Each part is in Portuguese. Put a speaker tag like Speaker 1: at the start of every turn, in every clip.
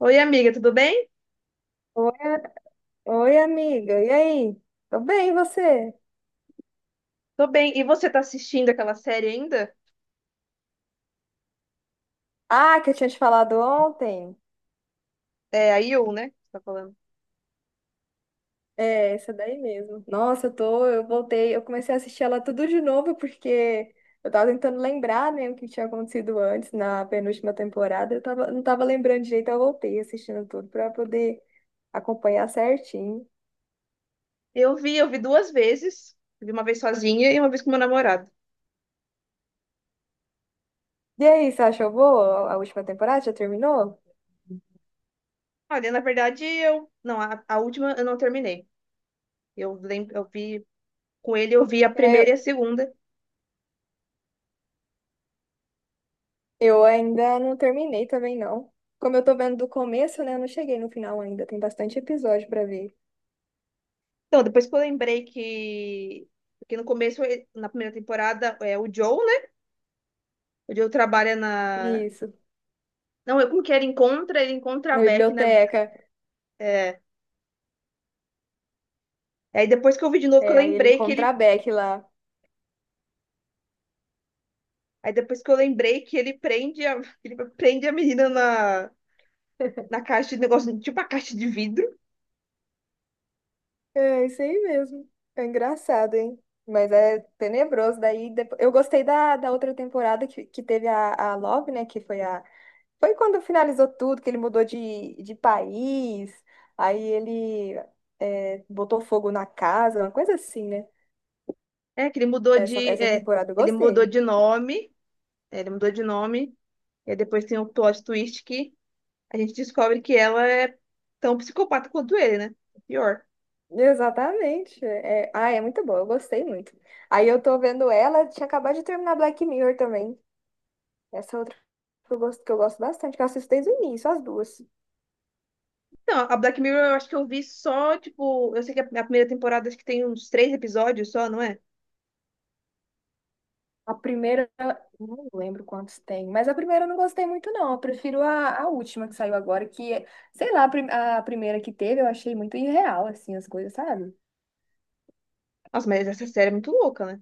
Speaker 1: Oi, amiga, tudo bem?
Speaker 2: Oi, amiga. E aí? Tô bem, e você?
Speaker 1: Tô bem. E você tá assistindo aquela série ainda?
Speaker 2: Ah, que eu tinha te falado ontem.
Speaker 1: É a You, né? que Você tá falando.
Speaker 2: É, essa daí mesmo. Nossa, eu voltei, eu comecei a assistir ela tudo de novo porque eu tava tentando lembrar, né, o que tinha acontecido antes na penúltima temporada. Não tava lembrando direito, eu voltei assistindo tudo pra poder acompanhar certinho.
Speaker 1: Eu vi duas vezes. Eu vi uma vez sozinha e uma vez com meu namorado.
Speaker 2: E aí, você achou boa a última temporada? Já terminou?
Speaker 1: Olha, na verdade, eu. Não, a última eu não terminei. Eu vi com ele, eu vi a primeira e a segunda.
Speaker 2: Eu ainda não terminei também, não. Como eu tô vendo do começo, né? Eu não cheguei no final ainda. Tem bastante episódio pra ver.
Speaker 1: Então, depois que eu lembrei que. Porque no começo, na primeira temporada, é o Joe, né? O Joe trabalha na.
Speaker 2: Isso.
Speaker 1: Não, eu como que ele encontra a
Speaker 2: Na
Speaker 1: Beck na.
Speaker 2: biblioteca.
Speaker 1: É... Aí depois que eu vi de novo, que eu
Speaker 2: É, aí ele
Speaker 1: lembrei que
Speaker 2: encontra
Speaker 1: ele.
Speaker 2: a Beck lá.
Speaker 1: Aí depois que eu lembrei que ele prende ele prende a menina na, na caixa de negócio, tipo a caixa de vidro.
Speaker 2: É, isso aí mesmo. É engraçado, hein? Mas é tenebroso. Daí eu gostei da outra temporada que teve a Love, né? Que foi a. Foi quando finalizou tudo, que ele mudou de país. Aí ele botou fogo na casa, uma coisa assim, né?
Speaker 1: É, que ele mudou de,
Speaker 2: Essa
Speaker 1: é,
Speaker 2: temporada eu
Speaker 1: ele mudou
Speaker 2: gostei.
Speaker 1: de nome, é, ele mudou de nome, e aí depois tem o plot twist que a gente descobre que ela é tão psicopata quanto ele, né? Pior.
Speaker 2: Exatamente. É, é muito boa, eu gostei muito. Aí eu tô vendo ela, tinha acabado de terminar Black Mirror também. Essa outra que eu gosto bastante, que eu assisto desde o início, as duas.
Speaker 1: Então, a Black Mirror eu acho que eu vi só, tipo, eu sei que a primeira temporada acho que tem uns três episódios só, não é?
Speaker 2: A primeira, não lembro quantos tem, mas a primeira eu não gostei muito, não. Eu prefiro a última que saiu agora, sei lá, a primeira que teve, eu achei muito irreal, assim, as coisas, sabe?
Speaker 1: Nossa, mas essa série é muito louca, né?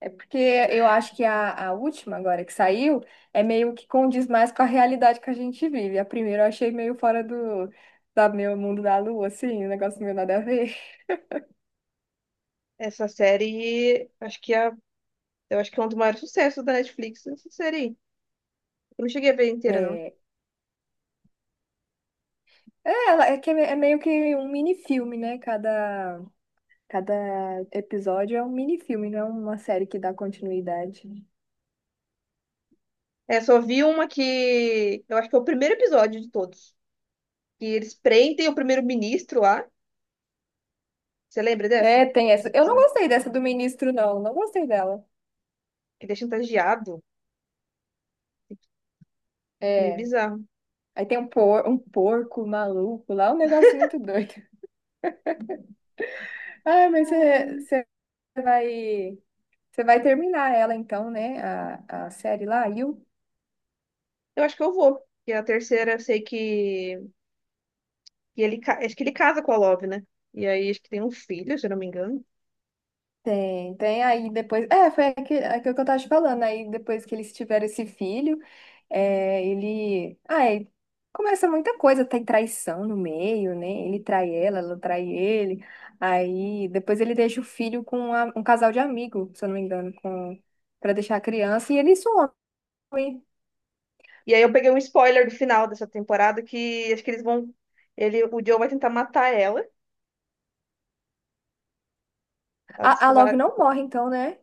Speaker 2: É porque eu acho que a última agora que saiu é meio que condiz mais com a realidade que a gente vive. A primeira eu achei meio fora do da meu mundo da lua, assim, um negócio meio nada a ver.
Speaker 1: Essa série, acho que é, eu acho que é um dos maiores sucessos da Netflix, essa série aí. Eu não cheguei a ver inteira, não.
Speaker 2: É, ela- que é meio que um mini-filme, né? Cada episódio é um mini-filme, não é uma série que dá continuidade.
Speaker 1: É, só vi uma que. eu acho que é o primeiro episódio de todos. Que eles prendem o primeiro-ministro lá. Você lembra dessa?
Speaker 2: É, tem essa. Eu não gostei dessa do ministro, não. Não gostei dela.
Speaker 1: Que ele é chantageado. Meio
Speaker 2: É,
Speaker 1: bizarro.
Speaker 2: aí tem um porco maluco lá, um negócio muito doido. Ah, mas você
Speaker 1: Hum,
Speaker 2: você vai. Você vai terminar ela então, né? A série lá, you.
Speaker 1: Eu acho que eu vou. E a terceira, eu sei que. Que acho que ele casa com a Love, né? E aí, acho que tem um filho, se eu não me engano.
Speaker 2: Tem, tem aí depois. É, aquilo que eu tava te falando. Aí depois que eles tiveram esse filho, é, ele. Ai começa muita coisa, tem traição no meio, né? Ele trai ela, ela trai ele. Aí depois ele deixa o filho com um casal de amigo, se eu não me engano, pra deixar a criança, e ele some.
Speaker 1: E aí, eu peguei um spoiler do final dessa temporada que acho que eles vão. O Joe vai tentar matar ela. Ela
Speaker 2: A Love
Speaker 1: descobre...
Speaker 2: não morre, então, né?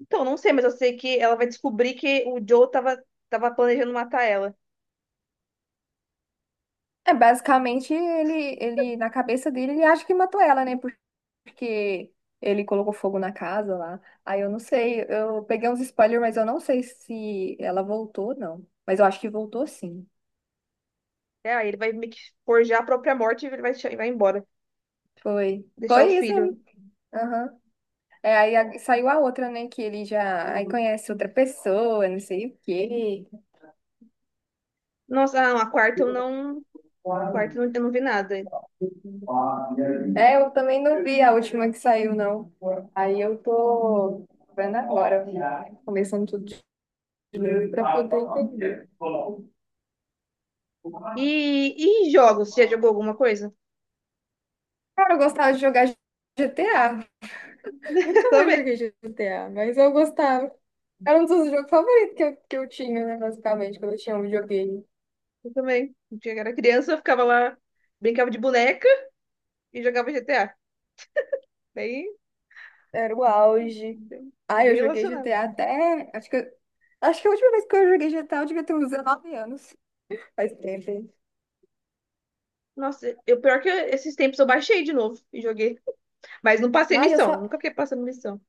Speaker 1: Então, não sei, mas eu sei que ela vai descobrir que o Joe tava planejando matar ela.
Speaker 2: É, basicamente, na cabeça dele, ele acha que matou ela, né? Porque ele colocou fogo na casa lá. Aí eu não sei, eu peguei uns spoilers, mas eu não sei se ela voltou, não. Mas eu acho que voltou sim.
Speaker 1: É, aí ele vai meio que forjar a própria morte e vai embora.
Speaker 2: Foi.
Speaker 1: Deixar o
Speaker 2: Foi isso
Speaker 1: filho.
Speaker 2: mesmo. Aham. É, aí saiu a outra, né? Que ele já aí conhece outra pessoa, não sei o quê.
Speaker 1: Nossa, ah, não, a quarta eu não vi nada.
Speaker 2: É, eu também não vi a última que saiu, não. Aí eu tô vendo agora, começando tudo de novo pra poder entender.
Speaker 1: E jogos? Você já jogou alguma coisa?
Speaker 2: Cara, eu gostava de jogar GTA.
Speaker 1: Eu
Speaker 2: Nunca mais
Speaker 1: também.
Speaker 2: joguei GTA, mas eu gostava. Era um dos jogos favoritos que eu tinha, né, basicamente, quando eu tinha um videogame.
Speaker 1: Eu também. Quando eu era criança, eu ficava lá, brincava de boneca e jogava GTA. Daí,
Speaker 2: Era o auge.
Speaker 1: é
Speaker 2: Ah,
Speaker 1: bem
Speaker 2: eu joguei
Speaker 1: relacionado.
Speaker 2: GTA até. Acho que a última vez que eu joguei GTA eu devia ter uns 19 anos. Faz tempo, hein?
Speaker 1: Nossa, eu pior que esses tempos eu baixei de novo e joguei. Mas não passei
Speaker 2: Ai, eu
Speaker 1: missão.
Speaker 2: só.
Speaker 1: Nunca fiquei passando missão.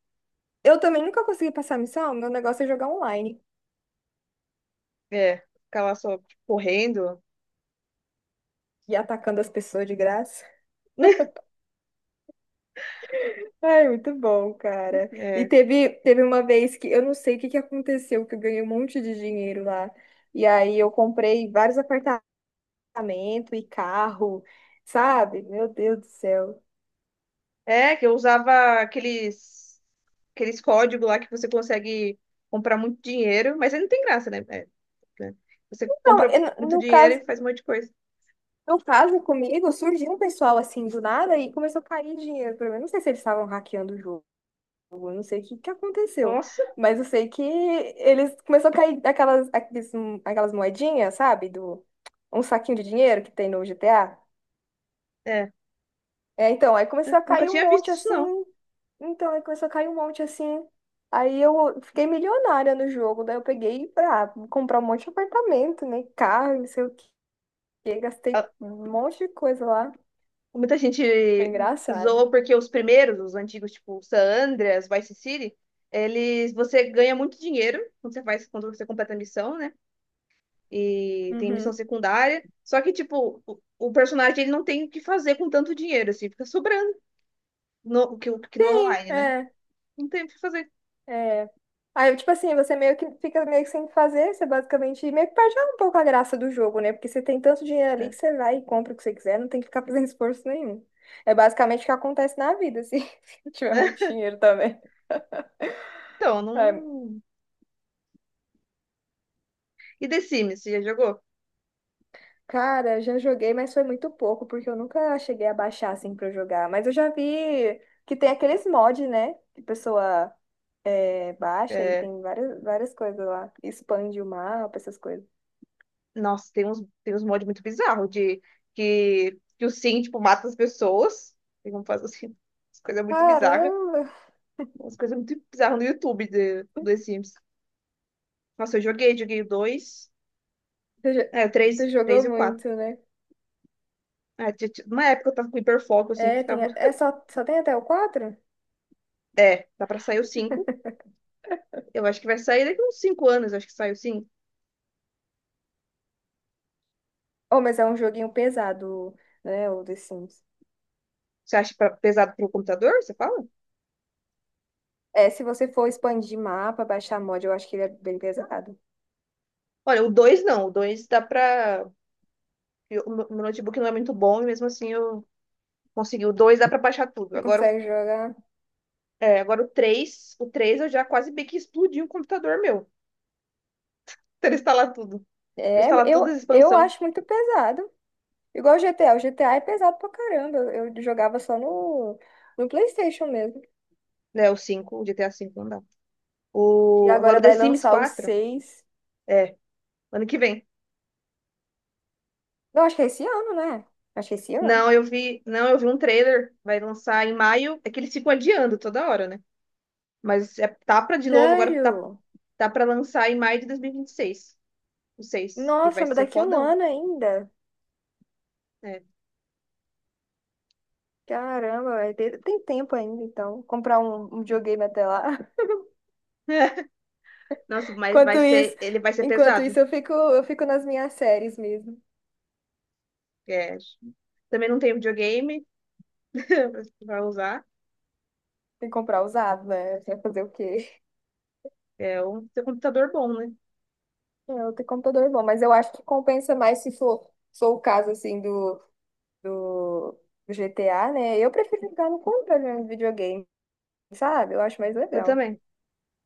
Speaker 2: Eu também nunca consegui passar a missão. Meu negócio é jogar online
Speaker 1: É, ficar lá só tipo, correndo.
Speaker 2: e atacando as pessoas de graça. Ai, muito bom, cara. E
Speaker 1: É.
Speaker 2: teve uma vez que eu não sei o que que aconteceu, que eu ganhei um monte de dinheiro lá. E aí eu comprei vários apartamentos e carro, sabe? Meu Deus do céu.
Speaker 1: É, que eu usava aqueles códigos lá que você consegue comprar muito dinheiro, mas aí não tem graça, né? É, né? Você
Speaker 2: Não,
Speaker 1: compra
Speaker 2: eu não-
Speaker 1: muito
Speaker 2: no
Speaker 1: dinheiro
Speaker 2: caso,
Speaker 1: e faz um monte de coisa.
Speaker 2: no caso comigo, surgiu um pessoal assim do nada e começou a cair dinheiro pra mim. Eu não sei se eles estavam hackeando o jogo, eu não sei o que que aconteceu,
Speaker 1: Nossa,
Speaker 2: mas eu sei que eles começou a cair aquelas moedinhas, sabe? Do um saquinho de dinheiro que tem no GTA.
Speaker 1: é.
Speaker 2: É, então, aí começou a
Speaker 1: Nunca
Speaker 2: cair um
Speaker 1: tinha visto
Speaker 2: monte
Speaker 1: isso,
Speaker 2: assim.
Speaker 1: não.
Speaker 2: Então, aí começou a cair um monte assim. Aí eu fiquei milionária no jogo. Daí eu peguei pra comprar um monte de apartamento, né? Carro, não sei o quê. Gastei
Speaker 1: Ah,
Speaker 2: um monte de coisa lá.
Speaker 1: muita gente
Speaker 2: Foi engraçado.
Speaker 1: zoa porque os primeiros, os antigos, tipo San Andreas, Vice City, eles, você ganha muito dinheiro quando você faz, quando você completa a missão, né? E tem missão
Speaker 2: Uhum.
Speaker 1: secundária. Só que, tipo, o personagem ele não tem o que fazer com tanto dinheiro, assim, fica sobrando que no
Speaker 2: Sim,
Speaker 1: online, né?
Speaker 2: é,
Speaker 1: Não tem o que fazer.
Speaker 2: é. Aí, tipo assim, você meio que fica meio que sem fazer, você basicamente meio que perde um pouco a graça do jogo, né? Porque você tem tanto dinheiro ali
Speaker 1: É.
Speaker 2: que você vai e compra o que você quiser, não tem que ficar fazendo esforço nenhum. É basicamente o que acontece na vida, se se tiver muito dinheiro também.
Speaker 1: Então,
Speaker 2: É.
Speaker 1: não. E The Sims, você já jogou?
Speaker 2: Cara, já joguei, mas foi muito pouco, porque eu nunca cheguei a baixar assim pra eu jogar. Mas eu já vi que tem aqueles mods, né? Que a pessoa baixa e
Speaker 1: É,
Speaker 2: tem várias coisas lá. Expande o mapa, essas coisas.
Speaker 1: nossa, tem uns mods muito bizarros de que, que o Sim, tipo, mata as pessoas. Tem como fazer assim, umas coisas muito bizarras.
Speaker 2: Caramba!
Speaker 1: Umas coisas muito bizarras no YouTube de, do The Sims. Nossa, joguei o 2,
Speaker 2: Você, jo-
Speaker 1: é, o
Speaker 2: você
Speaker 1: 3
Speaker 2: jogou
Speaker 1: 3 e o 4.
Speaker 2: muito, né?
Speaker 1: É, uma época eu tava com hiperfoco, assim, que
Speaker 2: É,
Speaker 1: ficava.
Speaker 2: é só tem até o quatro.
Speaker 1: É, tá pra sair o 5? Eu acho que vai sair daqui uns 5 anos, acho que sai o 5.
Speaker 2: Oh, mas é um joguinho pesado, né? O The Sims.
Speaker 1: Você acha pesado pro computador? Você fala?
Speaker 2: É, se você for expandir mapa, baixar mod, eu acho que ele é bem pesado.
Speaker 1: Olha, o 2 não. O 2 dá pra. Eu- O meu notebook não é muito bom e mesmo assim eu consegui. O 2 dá pra baixar tudo.
Speaker 2: Você
Speaker 1: Agora, o-
Speaker 2: consegue jogar?
Speaker 1: é, agora o 3, O 3 eu já quase bem que explodi um computador meu. Pra instalar tudo. Vou
Speaker 2: É,
Speaker 1: instalar
Speaker 2: eu,
Speaker 1: todas as
Speaker 2: eu
Speaker 1: expansões.
Speaker 2: acho muito pesado. Igual o GTA. O GTA é pesado pra caramba. Eu jogava só no PlayStation mesmo.
Speaker 1: Né, o 5, o GTA V não dá.
Speaker 2: E
Speaker 1: Agora
Speaker 2: agora
Speaker 1: o The
Speaker 2: vai
Speaker 1: Sims
Speaker 2: lançar o
Speaker 1: 4.
Speaker 2: seis.
Speaker 1: É, ano que vem.
Speaker 2: Não, acho que é esse ano, né? Acho que é esse ano.
Speaker 1: Não, eu vi um trailer, vai lançar em maio, é que eles ficam adiando toda hora, né? Mas é, tá pra de novo, agora tá,
Speaker 2: Sério?
Speaker 1: tá pra lançar em maio de 2026. O 6. Ele vai
Speaker 2: Nossa, mas
Speaker 1: ser
Speaker 2: daqui a um
Speaker 1: fodão.
Speaker 2: ano ainda.
Speaker 1: É.
Speaker 2: Caramba, vai ter tem tempo ainda, então. Comprar um videogame até lá.
Speaker 1: Nossa,
Speaker 2: Enquanto isso,
Speaker 1: ele vai ser
Speaker 2: enquanto
Speaker 1: pesado.
Speaker 2: isso, eu fico nas minhas séries mesmo.
Speaker 1: É. Também não tenho videogame pra usar.
Speaker 2: Tem que comprar usado, né? Vai fazer o quê?
Speaker 1: Tem um computador bom, né?
Speaker 2: É, eu tem computador é bom, mas eu acho que compensa mais se for, for o caso assim do, do GTA, né? Eu prefiro jogar no controle mesmo de videogame, sabe? Eu acho mais
Speaker 1: Eu
Speaker 2: legal.
Speaker 1: também.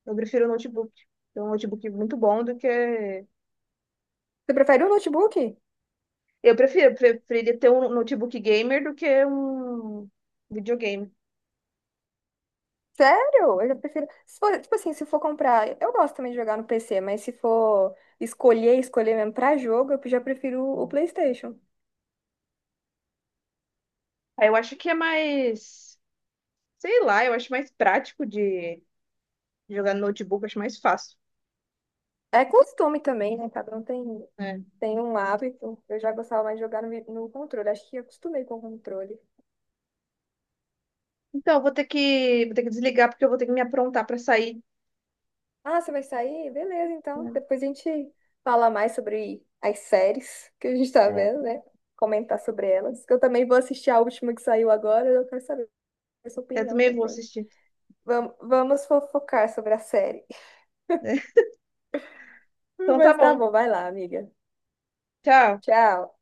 Speaker 1: Eu prefiro notebook. Então, um notebook muito bom do que.
Speaker 2: Você prefere o notebook?
Speaker 1: Preferia ter um notebook gamer do que um videogame.
Speaker 2: Sério? Eu já prefiro. Se for, tipo assim, se for comprar. Eu gosto também de jogar no PC, mas se for escolher mesmo pra jogo, eu já prefiro o PlayStation.
Speaker 1: Aí eu acho que é mais. Sei lá, eu acho mais prático de jogar no notebook, eu acho mais fácil.
Speaker 2: É costume também, né?
Speaker 1: É.
Speaker 2: Tem um hábito. Eu já gostava mais de jogar no controle. Acho que acostumei com o controle.
Speaker 1: Então, eu vou ter que desligar porque eu vou ter que me aprontar para sair.
Speaker 2: Ah, você vai sair? Beleza, então.
Speaker 1: Né?
Speaker 2: Depois a gente fala mais sobre as séries que a gente tá
Speaker 1: É.
Speaker 2: vendo, né? Comentar sobre elas. Que eu também vou assistir a última que saiu agora, eu quero saber a sua
Speaker 1: Eu
Speaker 2: opinião
Speaker 1: também vou
Speaker 2: também.
Speaker 1: assistir.
Speaker 2: Vamos fofocar sobre a série.
Speaker 1: Então tá
Speaker 2: Mas tá
Speaker 1: bom.
Speaker 2: bom, vai lá, amiga.
Speaker 1: Tchau.
Speaker 2: Tchau.